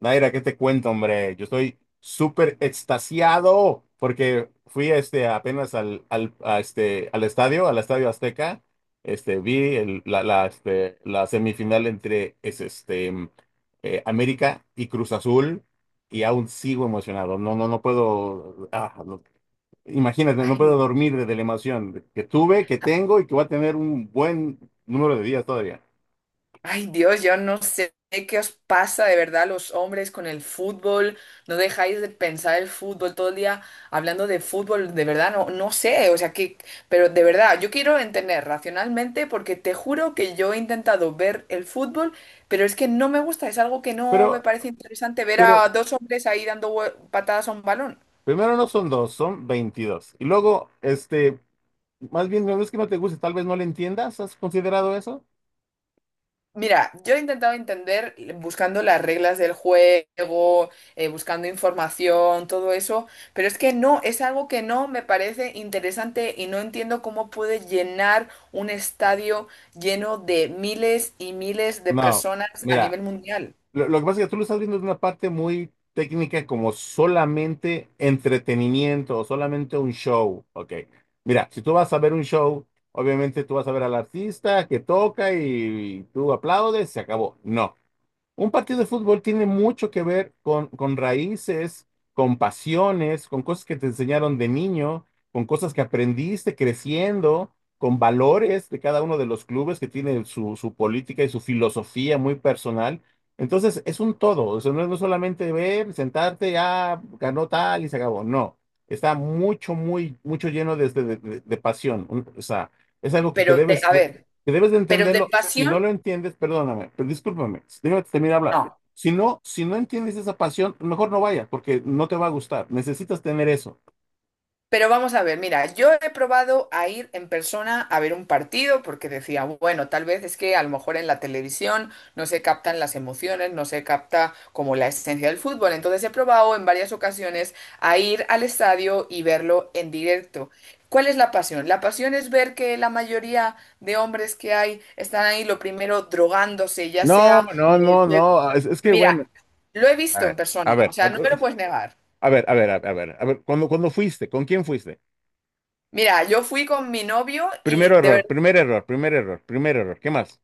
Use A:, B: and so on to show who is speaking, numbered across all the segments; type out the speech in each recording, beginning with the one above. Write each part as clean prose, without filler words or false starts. A: Naira, ¿qué te cuento, hombre? Yo estoy súper extasiado porque fui apenas al Estadio Azteca. Vi la semifinal entre América y Cruz Azul y aún sigo emocionado. No puedo, imagínate, no puedo
B: Ay,
A: dormir de la emoción que tuve, que tengo y que voy a tener un buen número de días todavía.
B: ay, Dios, yo no sé qué os pasa de verdad a los hombres con el fútbol. No dejáis de pensar el fútbol todo el día hablando de fútbol. De verdad, no sé. O sea, que, pero de verdad, yo quiero entender racionalmente porque te juro que yo he intentado ver el fútbol, pero es que no me gusta. Es algo que no me
A: Pero,
B: parece interesante ver
A: pero
B: a dos hombres ahí dando patadas a un balón.
A: primero no son dos, son 22. Y luego, no es que no te guste, tal vez no le entiendas, ¿has considerado eso?
B: Mira, yo he intentado entender buscando las reglas del juego, buscando información, todo eso, pero es que no, es algo que no me parece interesante y no entiendo cómo puede llenar un estadio lleno de miles y miles de
A: No,
B: personas a
A: mira,
B: nivel mundial.
A: lo que pasa es que tú lo estás viendo de una parte muy técnica como solamente entretenimiento o solamente un show, ¿ok? Mira, si tú vas a ver un show, obviamente tú vas a ver al artista que toca y tú aplaudes, se acabó. No, un partido de fútbol tiene mucho que ver con raíces, con pasiones, con cosas que te enseñaron de niño, con cosas que aprendiste creciendo, con valores de cada uno de los clubes que tiene su política y su filosofía muy personal. Entonces, es un todo, o sea, no es no solamente ver, sentarte, ah, ganó tal y se acabó. No, está mucho, muy, mucho lleno de pasión. O sea, es algo
B: Pero de, a ver,
A: que debes de
B: pero de
A: entenderlo. Si
B: pasión,
A: no lo entiendes, perdóname, pero discúlpame, déjame terminar de hablar.
B: no.
A: Si no, si no entiendes esa pasión, mejor no vayas, porque no te va a gustar. Necesitas tener eso.
B: Pero vamos a ver, mira, yo he probado a ir en persona a ver un partido porque decía, bueno, tal vez es que a lo mejor en la televisión no se captan las emociones, no se capta como la esencia del fútbol. Entonces he probado en varias ocasiones a ir al estadio y verlo en directo. ¿Cuál es la pasión? La pasión es ver que la mayoría de hombres que hay están ahí, lo primero, drogándose, ya
A: No,
B: sea,
A: no,
B: eh,
A: no,
B: de-
A: no. Es que bueno,
B: mira, lo he
A: a
B: visto en
A: ver, a
B: persona, o
A: ver, a
B: sea, no me
A: ver,
B: lo puedes negar.
A: a ver, a ver, a ver, a ver, cuando fuiste, ¿con quién fuiste?
B: Mira, yo fui con mi novio y
A: Primero
B: de
A: error,
B: verdad
A: primer error, primer error, primer error. ¿Qué más?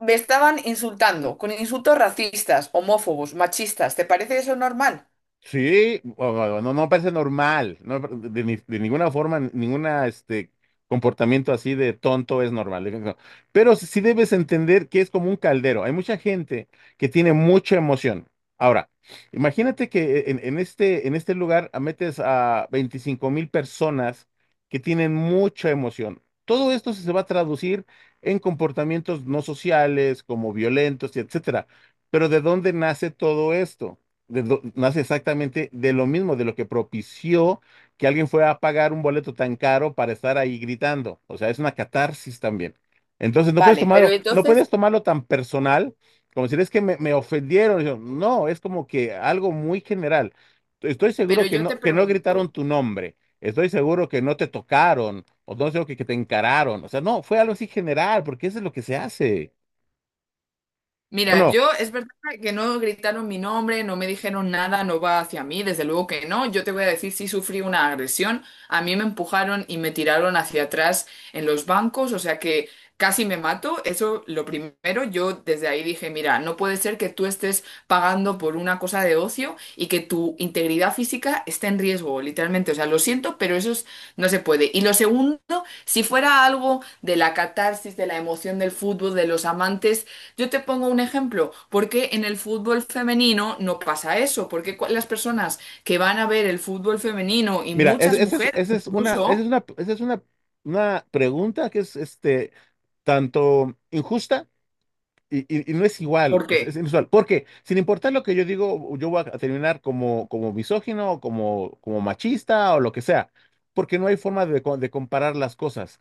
B: me estaban insultando con insultos racistas, homófobos, machistas. ¿Te parece eso normal?
A: Sí, bueno, no, no parece normal, no, de, ni- de ninguna forma, ninguna comportamiento así de tonto es normal. No. Pero sí debes entender que es como un caldero. Hay mucha gente que tiene mucha emoción. Ahora, imagínate que en en este lugar metes a 25.000 personas que tienen mucha emoción. Todo esto se va a traducir en comportamientos no sociales, como violentos, y etcétera. Pero ¿de dónde nace todo esto? Nace exactamente de lo mismo, de lo que propició que alguien fuera a pagar un boleto tan caro para estar ahí gritando. O sea, es una catarsis también. Entonces, no puedes
B: Vale, pero
A: tomarlo, no
B: entonces,
A: puedes tomarlo tan personal, como decir, es que me ofendieron. Yo, no, es como que algo muy general. Estoy seguro
B: pero
A: que
B: yo te
A: que no gritaron
B: pregunto.
A: tu nombre. Estoy seguro que no te tocaron, o no sé, que te encararon. O sea, no, fue algo así general, porque eso es lo que se hace. ¿O
B: Mira,
A: no?
B: yo es verdad que no gritaron mi nombre, no me dijeron nada, no va hacia mí, desde luego que no. Yo te voy a decir si sufrí una agresión. A mí me empujaron y me tiraron hacia atrás en los bancos, o sea que casi me mato. Eso lo primero, yo desde ahí dije, mira, no puede ser que tú estés pagando por una cosa de ocio y que tu integridad física esté en riesgo, literalmente. O sea, lo siento, pero no se puede. Y lo segundo, si fuera algo de la catarsis, de la emoción del fútbol, de los amantes, yo te pongo un ejemplo, porque en el fútbol femenino no pasa eso, porque las personas que van a ver el fútbol femenino y
A: Mira,
B: muchas mujeres
A: esa es una, esa es
B: incluso,
A: una, esa es una pregunta que es tanto injusta y y- no es igual,
B: ¿por qué?
A: es inusual. Porque sin importar lo que yo digo, yo voy a terminar como, como misógino, como, como machista o lo que sea, porque no hay forma de comparar las cosas,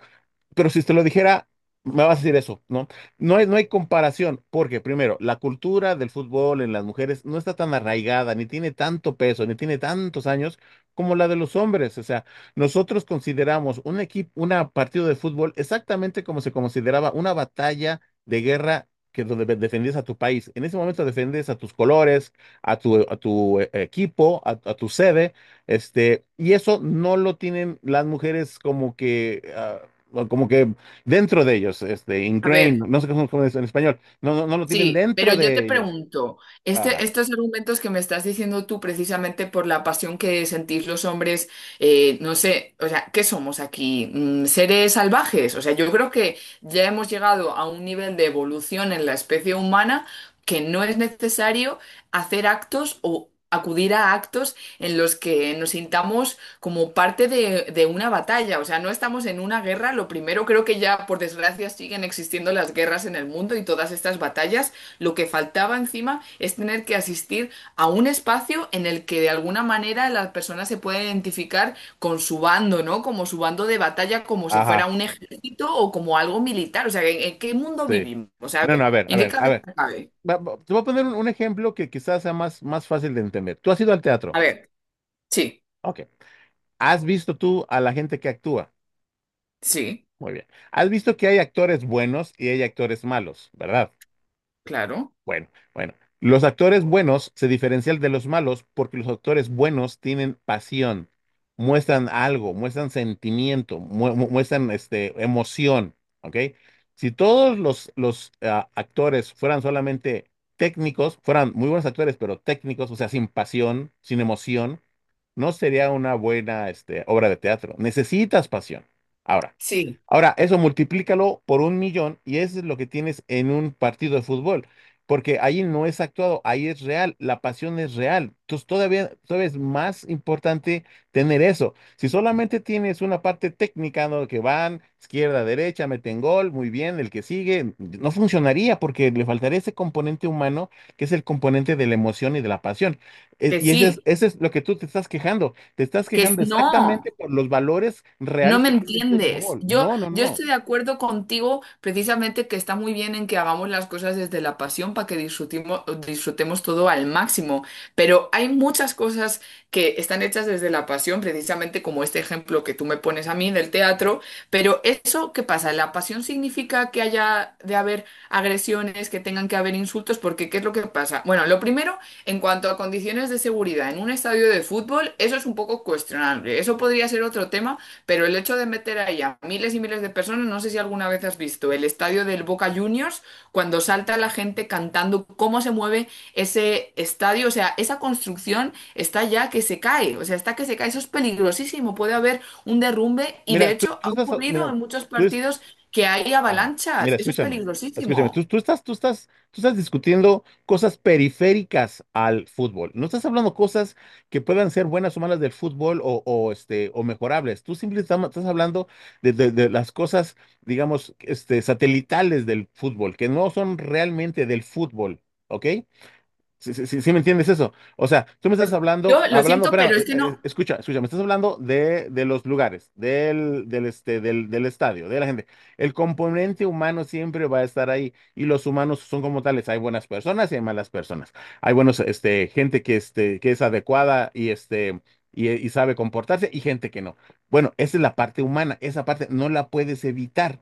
A: pero si te lo dijera, me vas a decir eso, ¿no? No hay comparación, porque primero, la cultura del fútbol en las mujeres no está tan arraigada, ni tiene tanto peso, ni tiene tantos años como la de los hombres. O sea, nosotros consideramos un equipo, una partido de fútbol exactamente como se consideraba una batalla de guerra que donde defendías a tu país. En ese momento defendías a tus colores, a tu equipo, a tu sede, y eso no lo tienen las mujeres como que ah, o como que dentro de ellos,
B: A
A: ingrained, no
B: ver,
A: no sé cómo cómo es en español, no lo tienen
B: sí, pero
A: dentro
B: yo te
A: de ellos.
B: pregunto, este,
A: Ajá,
B: estos argumentos que me estás diciendo tú precisamente por la pasión que sentís los hombres, no sé, o sea, ¿qué somos aquí? Mm, ¿Seres salvajes? O sea, yo creo que ya hemos llegado a un nivel de evolución en la especie humana que no es necesario hacer actos o acudir a actos en los que nos sintamos como parte de una batalla. O sea, no estamos en una guerra. Lo primero, creo que ya, por desgracia, siguen existiendo las guerras en el mundo y todas estas batallas. Lo que faltaba encima es tener que asistir a un espacio en el que de alguna manera las personas se pueden identificar con su bando, ¿no? Como su bando de batalla, como si fuera
A: ajá,
B: un ejército o como algo militar. O sea, en qué mundo
A: sí.
B: vivimos? O sea, a
A: No,
B: ver,
A: no, a ver, a
B: ¿en qué
A: ver, a
B: cabeza
A: ver.
B: cabe?
A: Te voy a poner un ejemplo que quizás sea más, más fácil de entender. Tú has ido al
B: A
A: teatro.
B: ver, sí,
A: Ok. ¿Has visto tú a la gente que actúa?
B: sí.
A: Muy bien. ¿Has visto que hay actores buenos y hay actores malos, verdad?
B: Claro,
A: Bueno, bueno. Los actores buenos se diferencian de los malos porque los actores buenos tienen pasión, muestran algo, muestran sentimiento, muestran emoción, ¿ok? Si todos los actores fueran solamente técnicos, fueran muy buenos actores, pero técnicos, o sea, sin pasión, sin emoción, no sería una buena obra de teatro. Necesitas pasión. Ahora,
B: sí,
A: ahora, eso multiplícalo por un millón y eso es lo que tienes en un partido de fútbol. Porque ahí no es actuado, ahí es real, la pasión es real. Entonces todavía, todavía es más importante tener eso. Si solamente tienes una parte técnica, ¿no? Que van izquierda, derecha, meten gol, muy bien, el que sigue, no funcionaría porque le faltaría ese componente humano que es el componente de la emoción y de la pasión.
B: que
A: Y
B: sí,
A: ese es lo que tú te estás quejando. Te estás quejando exactamente
B: no.
A: por los valores
B: No
A: reales
B: me
A: que tiene el
B: entiendes.
A: fútbol.
B: Yo,
A: No, no,
B: yo
A: no.
B: estoy de acuerdo contigo precisamente que está muy bien en que hagamos las cosas desde la pasión para que disfrutemos todo al máximo, pero hay muchas cosas que están hechas desde la pasión, precisamente como este ejemplo que tú me pones a mí del teatro, pero eso, ¿qué pasa? ¿La pasión significa que haya de haber agresiones, que tengan que haber insultos? Porque ¿qué es lo que pasa? Bueno, lo primero, en cuanto a condiciones de seguridad en un estadio de fútbol, eso es un poco cuestionable. Eso podría ser otro tema, pero el hecho de meter ahí a miles y miles de personas, no sé si alguna vez has visto el estadio del Boca Juniors, cuando salta la gente cantando cómo se mueve ese estadio, o sea, esa construcción está ya que se cae, o sea, está que se cae, eso es peligrosísimo, puede haber un derrumbe y de
A: Mira,
B: hecho
A: tú
B: ha
A: estás,
B: ocurrido
A: mira,
B: en muchos
A: tú, es-
B: partidos que hay
A: ah,
B: avalanchas,
A: mira,
B: eso es
A: escúchame, escúchame,
B: peligrosísimo.
A: tú estás discutiendo cosas periféricas al fútbol. No estás hablando cosas que puedan ser buenas o malas del fútbol o mejorables. Tú simplemente estás, estás hablando de las cosas, digamos, satelitales del fútbol, que no son realmente del fútbol, ¿ok? ¿Sí, sí, sí me entiendes eso? O sea, tú me estás
B: Pues,
A: hablando,
B: yo lo
A: hablando,
B: siento,
A: espera,
B: pero es que no,
A: escucha, escucha, me estás hablando de los lugares, del estadio, de la gente. El componente humano siempre va a estar ahí y los humanos son como tales. Hay buenas personas y hay malas personas. Hay buenos, gente que, que es adecuada y sabe comportarse y gente que no. Bueno, esa es la parte humana, esa parte no la puedes evitar.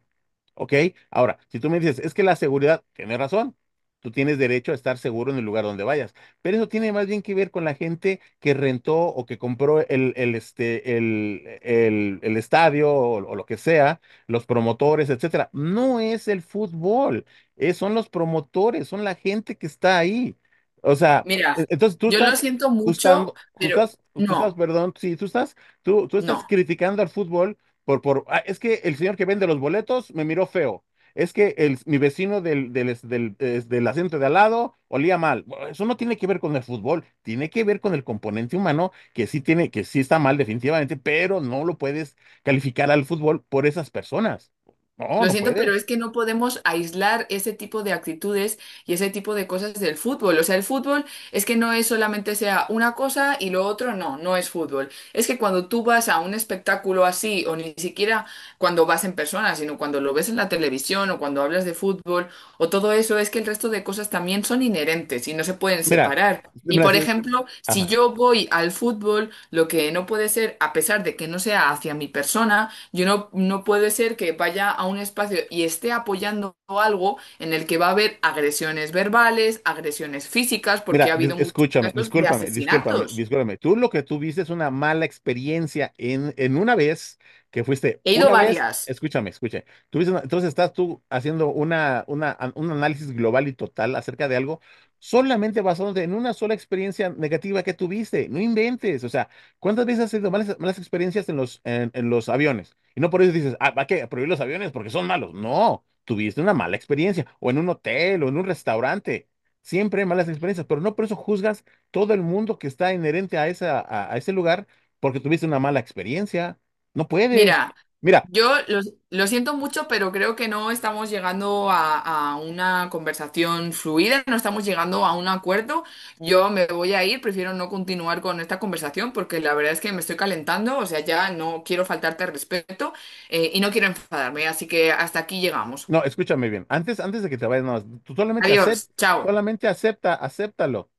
A: ¿Ok? Ahora, si tú me dices, es que la seguridad, tiene razón. Tú tienes derecho a estar seguro en el lugar donde vayas. Pero eso tiene más bien que ver con la gente que rentó o que compró el, este, el estadio o lo que sea, los promotores, etcétera. No es el fútbol, son los promotores, son la gente que está ahí. O sea,
B: mira,
A: entonces tú
B: yo lo
A: estás
B: siento mucho, pero
A: tú estás,
B: no,
A: perdón, sí, tú estás, tú estás
B: no.
A: criticando al fútbol por "Ah, es que el señor que vende los boletos me miró feo, es que mi vecino del asiento de al lado olía mal". Bueno, eso no tiene que ver con el fútbol, tiene que ver con el componente humano que sí tiene, que sí está mal definitivamente, pero no lo puedes calificar al fútbol por esas personas. No,
B: Lo
A: no
B: siento, pero es
A: puedes.
B: que no podemos aislar ese tipo de actitudes y ese tipo de cosas del fútbol. O sea, el fútbol es que no es solamente sea una cosa y lo otro no, no es fútbol. Es que cuando tú vas a un espectáculo así, o ni siquiera cuando vas en persona, sino cuando lo ves en la televisión o cuando hablas de fútbol o todo eso, es que el resto de cosas también son inherentes y no se pueden
A: Mira,
B: separar. Y
A: mira,
B: por
A: se-
B: ejemplo, si
A: ajá.
B: yo voy al fútbol, lo que no puede ser, a pesar de que no sea hacia mi persona, yo no, no puede ser que vaya a un espacio y esté apoyando algo en el que va a haber agresiones verbales, agresiones físicas, porque ha habido muchos
A: Escúchame,
B: casos de
A: discúlpame, discúlpame,
B: asesinatos.
A: discúlpame. Tú lo que tuviste es una mala experiencia en una vez que fuiste,
B: He ido
A: una vez,
B: varias.
A: escúchame, escúchame. Entonces estás tú haciendo un análisis global y total acerca de algo solamente basándote en una sola experiencia negativa que tuviste. No inventes. O sea, ¿cuántas veces has tenido malas, malas experiencias en en los aviones? Y no por eso dices, ah, ¿va qué? Prohibir los aviones porque son malos. No, tuviste una mala experiencia o en un hotel o en un restaurante. Siempre hay malas experiencias, pero no por eso juzgas todo el mundo que está inherente a ese lugar porque tuviste una mala experiencia. No puedes.
B: Mira,
A: Mira,
B: yo lo, lo siento mucho, pero creo que no estamos llegando a una conversación fluida, no estamos llegando a un acuerdo. Yo me voy a ir, prefiero no continuar con esta conversación porque la verdad es que me estoy calentando, o sea, ya no quiero faltarte al respeto, y no quiero enfadarme, así que hasta aquí llegamos.
A: no, escúchame bien. Antes, antes de que te vayas, nada más, tú
B: Adiós, chao.
A: solamente acepta, acéptalo.